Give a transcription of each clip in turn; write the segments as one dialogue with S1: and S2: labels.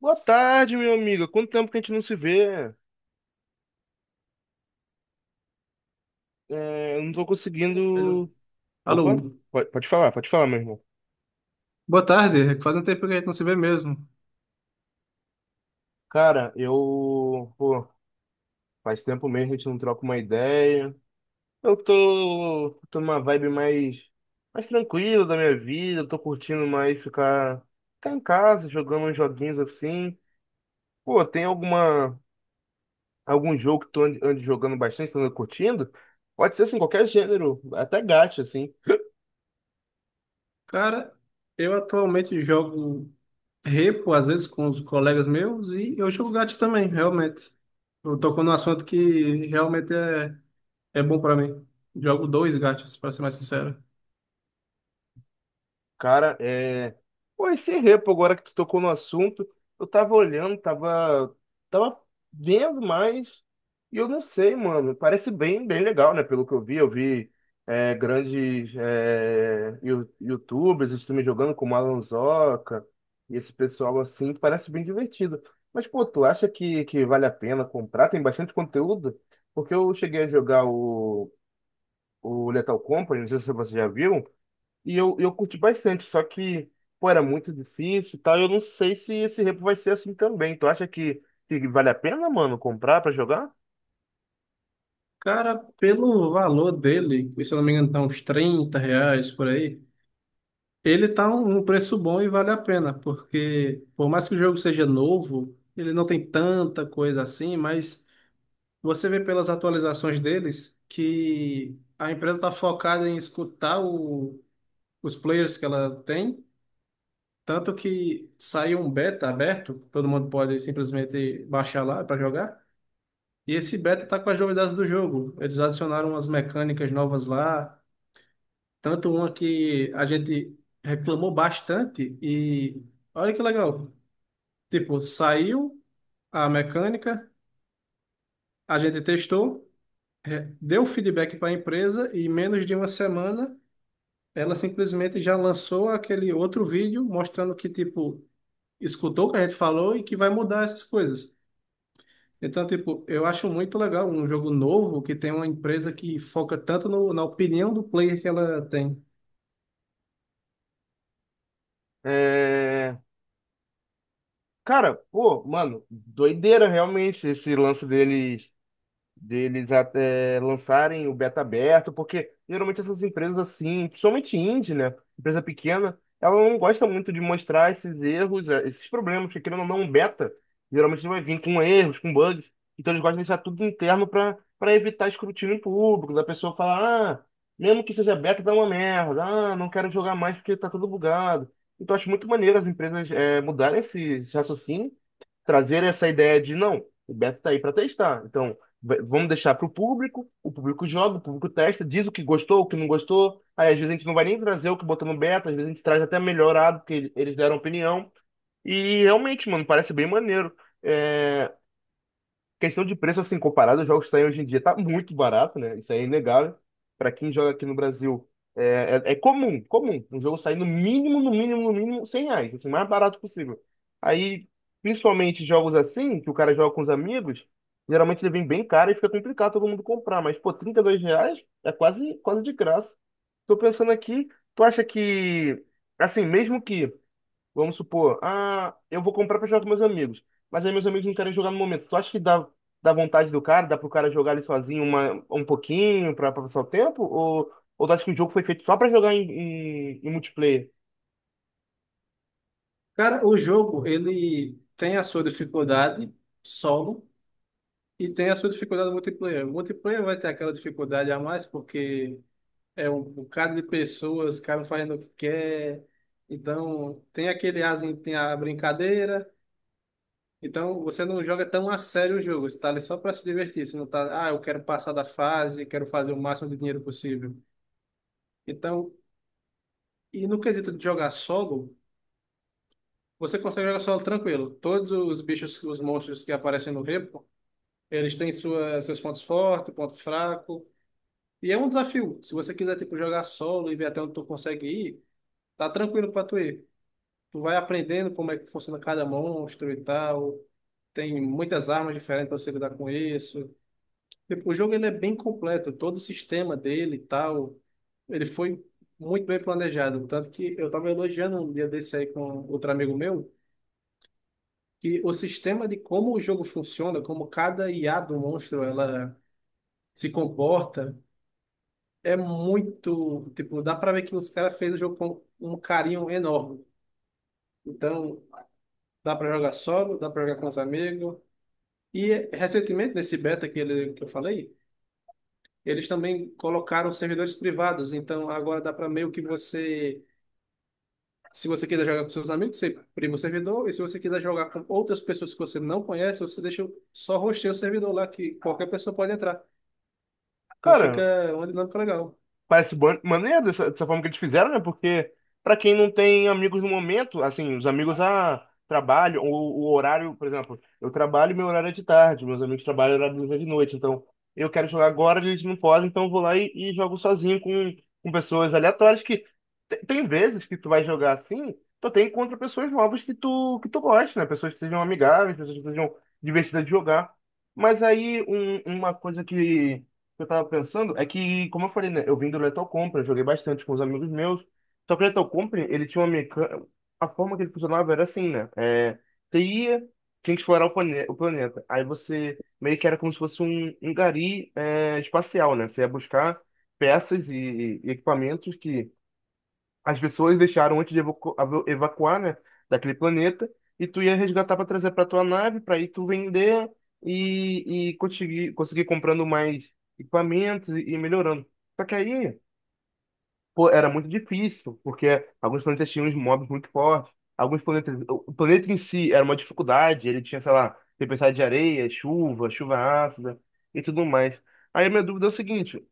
S1: Boa tarde, meu amigo. Quanto tempo que a gente não se vê? É, eu não tô conseguindo.
S2: Alô,
S1: Opa, pode falar, meu irmão.
S2: boa tarde. Faz um tempo que a gente não se vê mesmo.
S1: Cara, eu. Pô, faz tempo mesmo que a gente não troca uma ideia. Eu tô numa vibe mais, mais tranquila da minha vida. Eu tô curtindo mais ficar, ficar em casa, jogando uns joguinhos assim. Pô, tem alguma, algum jogo que tu ande jogando bastante, tu anda curtindo? Pode ser assim, qualquer gênero, até gacha, assim.
S2: Cara, eu atualmente jogo repo, às vezes com os colegas meus, e eu jogo gato também, realmente. Eu tocou num assunto que realmente é bom pra mim. Jogo dois gatos, pra ser mais sincero.
S1: Cara, é... Pô, esse repo, agora que tu tocou no assunto, eu tava olhando, tava, tava vendo mais, e eu não sei, mano, parece bem, bem legal, né? Pelo que eu vi grandes YouTubers também jogando com Alan e esse pessoal assim, parece bem divertido. Mas, pô, tu acha que vale a pena comprar? Tem bastante conteúdo? Porque eu cheguei a jogar o Lethal Company, não sei se você já viu, e eu curti bastante, só que, pô, era muito difícil e tal, eu não sei se esse repo vai ser assim também. Tu acha que vale a pena, mano, comprar pra jogar?
S2: Cara, pelo valor dele, que se eu não me engano tá uns 30 reais por aí, ele tá um preço bom e vale a pena, porque por mais que o jogo seja novo, ele não tem tanta coisa assim, mas você vê pelas atualizações deles que a empresa está focada em escutar os players que ela tem, tanto que saiu um beta aberto, todo mundo pode simplesmente baixar lá para jogar, e esse beta tá com as novidades do jogo. Eles adicionaram umas mecânicas novas lá. Tanto uma que a gente reclamou bastante e olha que legal. Tipo, saiu a mecânica, a gente testou, deu feedback para a empresa, e em menos de uma semana ela simplesmente já lançou aquele outro vídeo mostrando que, tipo, escutou o que a gente falou e que vai mudar essas coisas. Então, tipo, eu acho muito legal um jogo novo que tem uma empresa que foca tanto na opinião do player que ela tem.
S1: É... Cara, pô, mano, doideira realmente esse lance deles até lançarem o beta aberto, porque geralmente essas empresas assim, principalmente indie, né? Empresa pequena, ela não gosta muito de mostrar esses erros, esses problemas, porque querendo ou não, um beta geralmente vai vir com erros, com bugs, então eles gostam de deixar tudo interno para evitar escrutínio público, da pessoa falar, ah, mesmo que seja beta, dá uma merda, ah, não quero jogar mais porque tá tudo bugado. Então, eu acho muito maneiro as empresas mudarem esse raciocínio, trazer essa ideia de não, o Beto tá aí para testar. Então, vamos deixar para o público joga, o público testa, diz o que gostou, o que não gostou. Aí às vezes a gente não vai nem trazer o que botou no beta, às vezes a gente traz até melhorado, porque eles deram opinião. E realmente, mano, parece bem maneiro. É, questão de preço, assim, comparado aos jogos que saem hoje em dia, tá muito barato, né? Isso aí é inegável. Para quem joga aqui no Brasil, é comum. Um jogo sair no mínimo, 100 reais, assim, o mais barato possível. Aí, principalmente jogos assim, que o cara joga com os amigos, geralmente ele vem bem caro e fica complicado todo mundo comprar. Mas, pô, 32 reais é quase de graça. Tô pensando aqui, tu acha que, assim, mesmo que... Vamos supor, ah, eu vou comprar pra jogar com meus amigos, mas aí meus amigos não querem jogar no momento. Tu acha que dá vontade do cara, dá pro cara jogar ali sozinho uma, um pouquinho pra, pra passar o tempo? Ou tu acha que o jogo foi feito só pra jogar em, em, em multiplayer?
S2: Cara, o jogo, ele tem a sua dificuldade solo e tem a sua dificuldade multiplayer. O multiplayer vai ter aquela dificuldade a mais porque é um bocado de pessoas, cada um fazendo o que quer. Então, tem aquele asinho, tem a brincadeira. Então, você não joga tão a sério o jogo. Você tá ali só para se divertir. Você não tá, ah, eu quero passar da fase, quero fazer o máximo de dinheiro possível. Então, e no quesito de jogar solo, você consegue jogar solo tranquilo. Todos os bichos, os monstros que aparecem no eles têm sua, seus pontos fortes, ponto fraco. E é um desafio. Se você quiser, tipo, jogar solo e ver até onde tu consegue ir, tá tranquilo pra tu ir. Tu vai aprendendo como é que funciona cada monstro e tal. Tem muitas armas diferentes pra você lidar com isso. Tipo, o jogo ele é bem completo. Todo o sistema dele e tal, ele foi muito bem planejado. Tanto que eu tava elogiando um dia desse aí com outro amigo meu, que o sistema de como o jogo funciona, como cada IA do monstro, ela se comporta é muito, tipo, dá pra ver que os caras fez o jogo com um carinho enorme. Então, dá pra jogar solo, dá pra jogar com os amigos. E recentemente nesse beta que eu falei, eles também colocaram servidores privados, então agora dá pra meio que você, se você quiser jogar com seus amigos, você prima o servidor. E se você quiser jogar com outras pessoas que você não conhece, você deixa só rostear o servidor lá, que qualquer pessoa pode entrar. Então
S1: Cara,
S2: fica uma dinâmica legal.
S1: parece maneiro dessa, dessa forma que eles fizeram, né? Porque pra quem não tem amigos no momento, assim, os amigos a trabalho, ou o horário, por exemplo, eu trabalho, meu horário é de tarde, meus amigos trabalham, o horário deles é de noite, então eu quero jogar agora, eles não podem, então eu vou lá e jogo sozinho com pessoas aleatórias que tem vezes que tu vai jogar assim, tu tem contra pessoas novas que tu gosta, né? Pessoas que sejam amigáveis, pessoas que sejam divertidas de jogar. Mas aí uma coisa que eu tava pensando é que, como eu falei, né, eu vim do Lethal Company, eu joguei bastante com os amigos meus. Só que o Lethal Company, ele tinha uma mecânica. A forma que ele funcionava era assim, né? É, você ia, tinha que explorar o, plane... o planeta. Aí você meio que era como se fosse um, um gari espacial, né? Você ia buscar peças e equipamentos que as pessoas deixaram antes de evacuar, né, daquele planeta, e tu ia resgatar para trazer para tua nave, para aí tu vender e conseguir comprando mais equipamentos e melhorando. Só que aí, pô, era muito difícil, porque alguns planetas tinham uns mobs muito fortes, alguns planetas, o planeta em si era uma dificuldade, ele tinha, sei lá, tempestade de areia, chuva ácida e tudo mais. Aí a minha dúvida é o seguinte,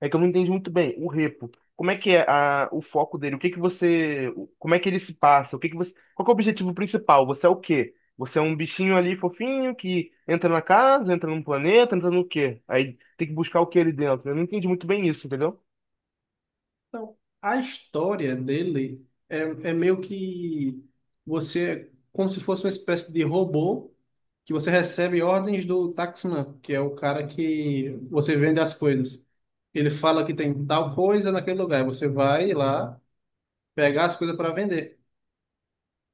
S1: é que eu não entendi muito bem. O repo, como é que é a, o foco dele? O que que você, como é que ele se passa? O que que você, qual que é o objetivo principal? Você é o quê? Você é um bichinho ali fofinho que entra na casa, entra num planeta, entra no quê? Aí tem que buscar o que ali dentro. Eu não entendi muito bem isso, entendeu?
S2: Então, a história dele é, é meio que você, é como se fosse uma espécie de robô que você recebe ordens do taxman, que é o cara que você vende as coisas. Ele fala que tem tal coisa naquele lugar, e você vai lá pegar as coisas para vender.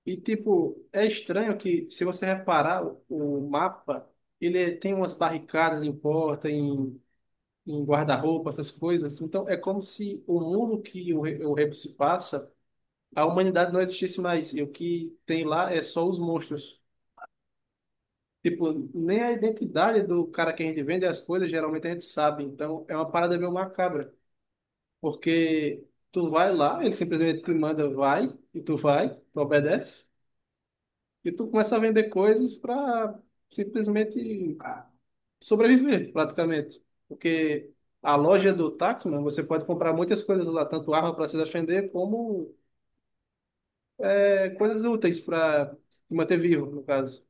S2: E tipo, é estranho que, se você reparar o mapa, ele tem umas barricadas em porta, em guarda-roupa, essas coisas. Então é como se o mundo que o Rebo se passa, a humanidade não existisse mais. E o que tem lá é só os monstros. Tipo, nem a identidade do cara que a gente vende é as coisas, geralmente a gente sabe. Então, é uma parada meio macabra. Porque tu vai lá, ele simplesmente te manda vai, e tu vai, tu obedece, e tu começa a vender coisas para simplesmente, ah, sobreviver, praticamente. Porque a loja do Taxman, você pode comprar muitas coisas lá, tanto arma para se defender, como é, coisas úteis para te manter vivo, no caso.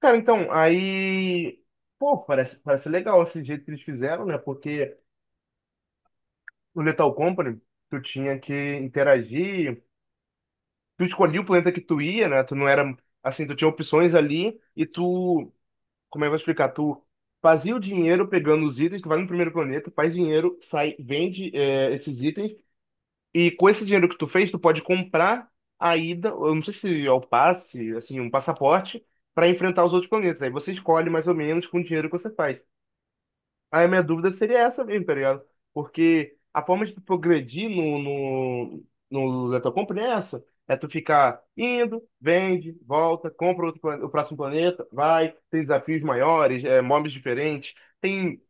S1: Cara, então, aí, pô, parece, parece legal esse jeito que eles fizeram, né? Porque no Lethal Company, tu tinha que interagir, tu escolhia o planeta que tu ia, né? Tu não era, assim, tu tinha opções ali e tu... Como é que eu vou explicar? Tu fazia o dinheiro pegando os itens, tu vai no primeiro planeta, faz dinheiro, sai, vende esses itens, e com esse dinheiro que tu fez, tu pode comprar a ida, eu não sei se é o passe, assim, um passaporte, para enfrentar os outros planetas. Aí você escolhe mais ou menos com o dinheiro que você faz. Aí a minha dúvida seria essa mesmo, tá ligado? Porque a forma de tu progredir no Letal Company é essa. É tu ficar indo, vende, volta, compra outro, o próximo planeta, vai, tem desafios maiores, é, mobs diferentes. Tem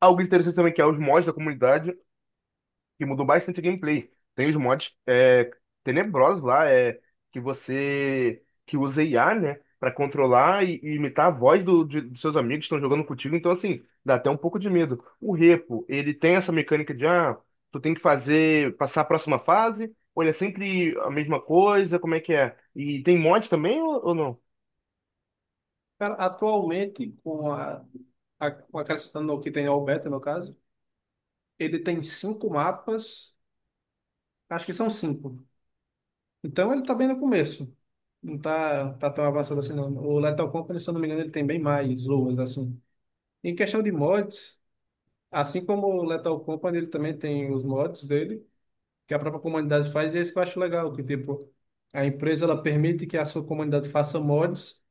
S1: algo interessante também que é os mods da comunidade que mudou bastante o gameplay. Tem os mods é, tenebrosos lá, é, que você que usa IA, né, para controlar e imitar a voz do, dos seus amigos que estão jogando contigo. Então, assim, dá até um pouco de medo. O Repo, ele tem essa mecânica de, ah, tu tem que fazer, passar a próxima fase, ou ele é sempre a mesma coisa, como é que é? E tem mod também ou não?
S2: Cara, atualmente, com com acrescentando o que tem ao beta, no caso, ele tem 5 mapas, acho que são 5. Então ele tá bem no começo. Não tá tão avançado assim, não. O Lethal Company, se eu não me engano, ele tem bem mais luas, assim. Em questão de mods, assim como o Lethal Company, ele também tem os mods dele, que a própria comunidade faz, e esse que eu acho legal, que tipo, a empresa ela permite que a sua comunidade faça mods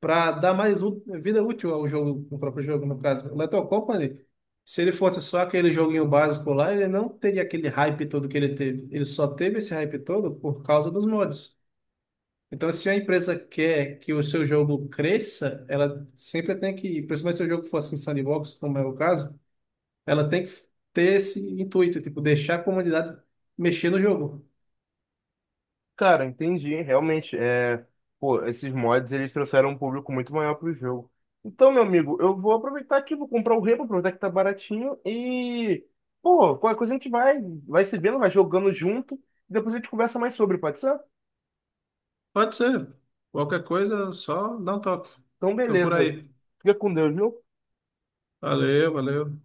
S2: para dar mais vida útil ao jogo, ao próprio jogo, no caso. O Lethal Company, se ele fosse só aquele joguinho básico lá, ele não teria aquele hype todo que ele teve. Ele só teve esse hype todo por causa dos mods. Então, se a empresa quer que o seu jogo cresça, ela sempre tem que, principalmente se o jogo for assim sandbox, como é o caso, ela tem que ter esse intuito, tipo, deixar a comunidade mexer no jogo.
S1: Cara, entendi, realmente, é, pô, esses mods, eles trouxeram um público muito maior pro jogo. Então, meu amigo, eu vou aproveitar aqui, vou comprar o Rebo, aproveitar que tá baratinho e, pô, qualquer coisa a gente vai, vai se vendo, vai jogando junto, e depois a gente conversa mais sobre, pode ser?
S2: Pode ser. Qualquer coisa, só dá um toque.
S1: Então,
S2: Tô por
S1: beleza.
S2: aí.
S1: Fica com Deus, viu?
S2: Valeu, valeu.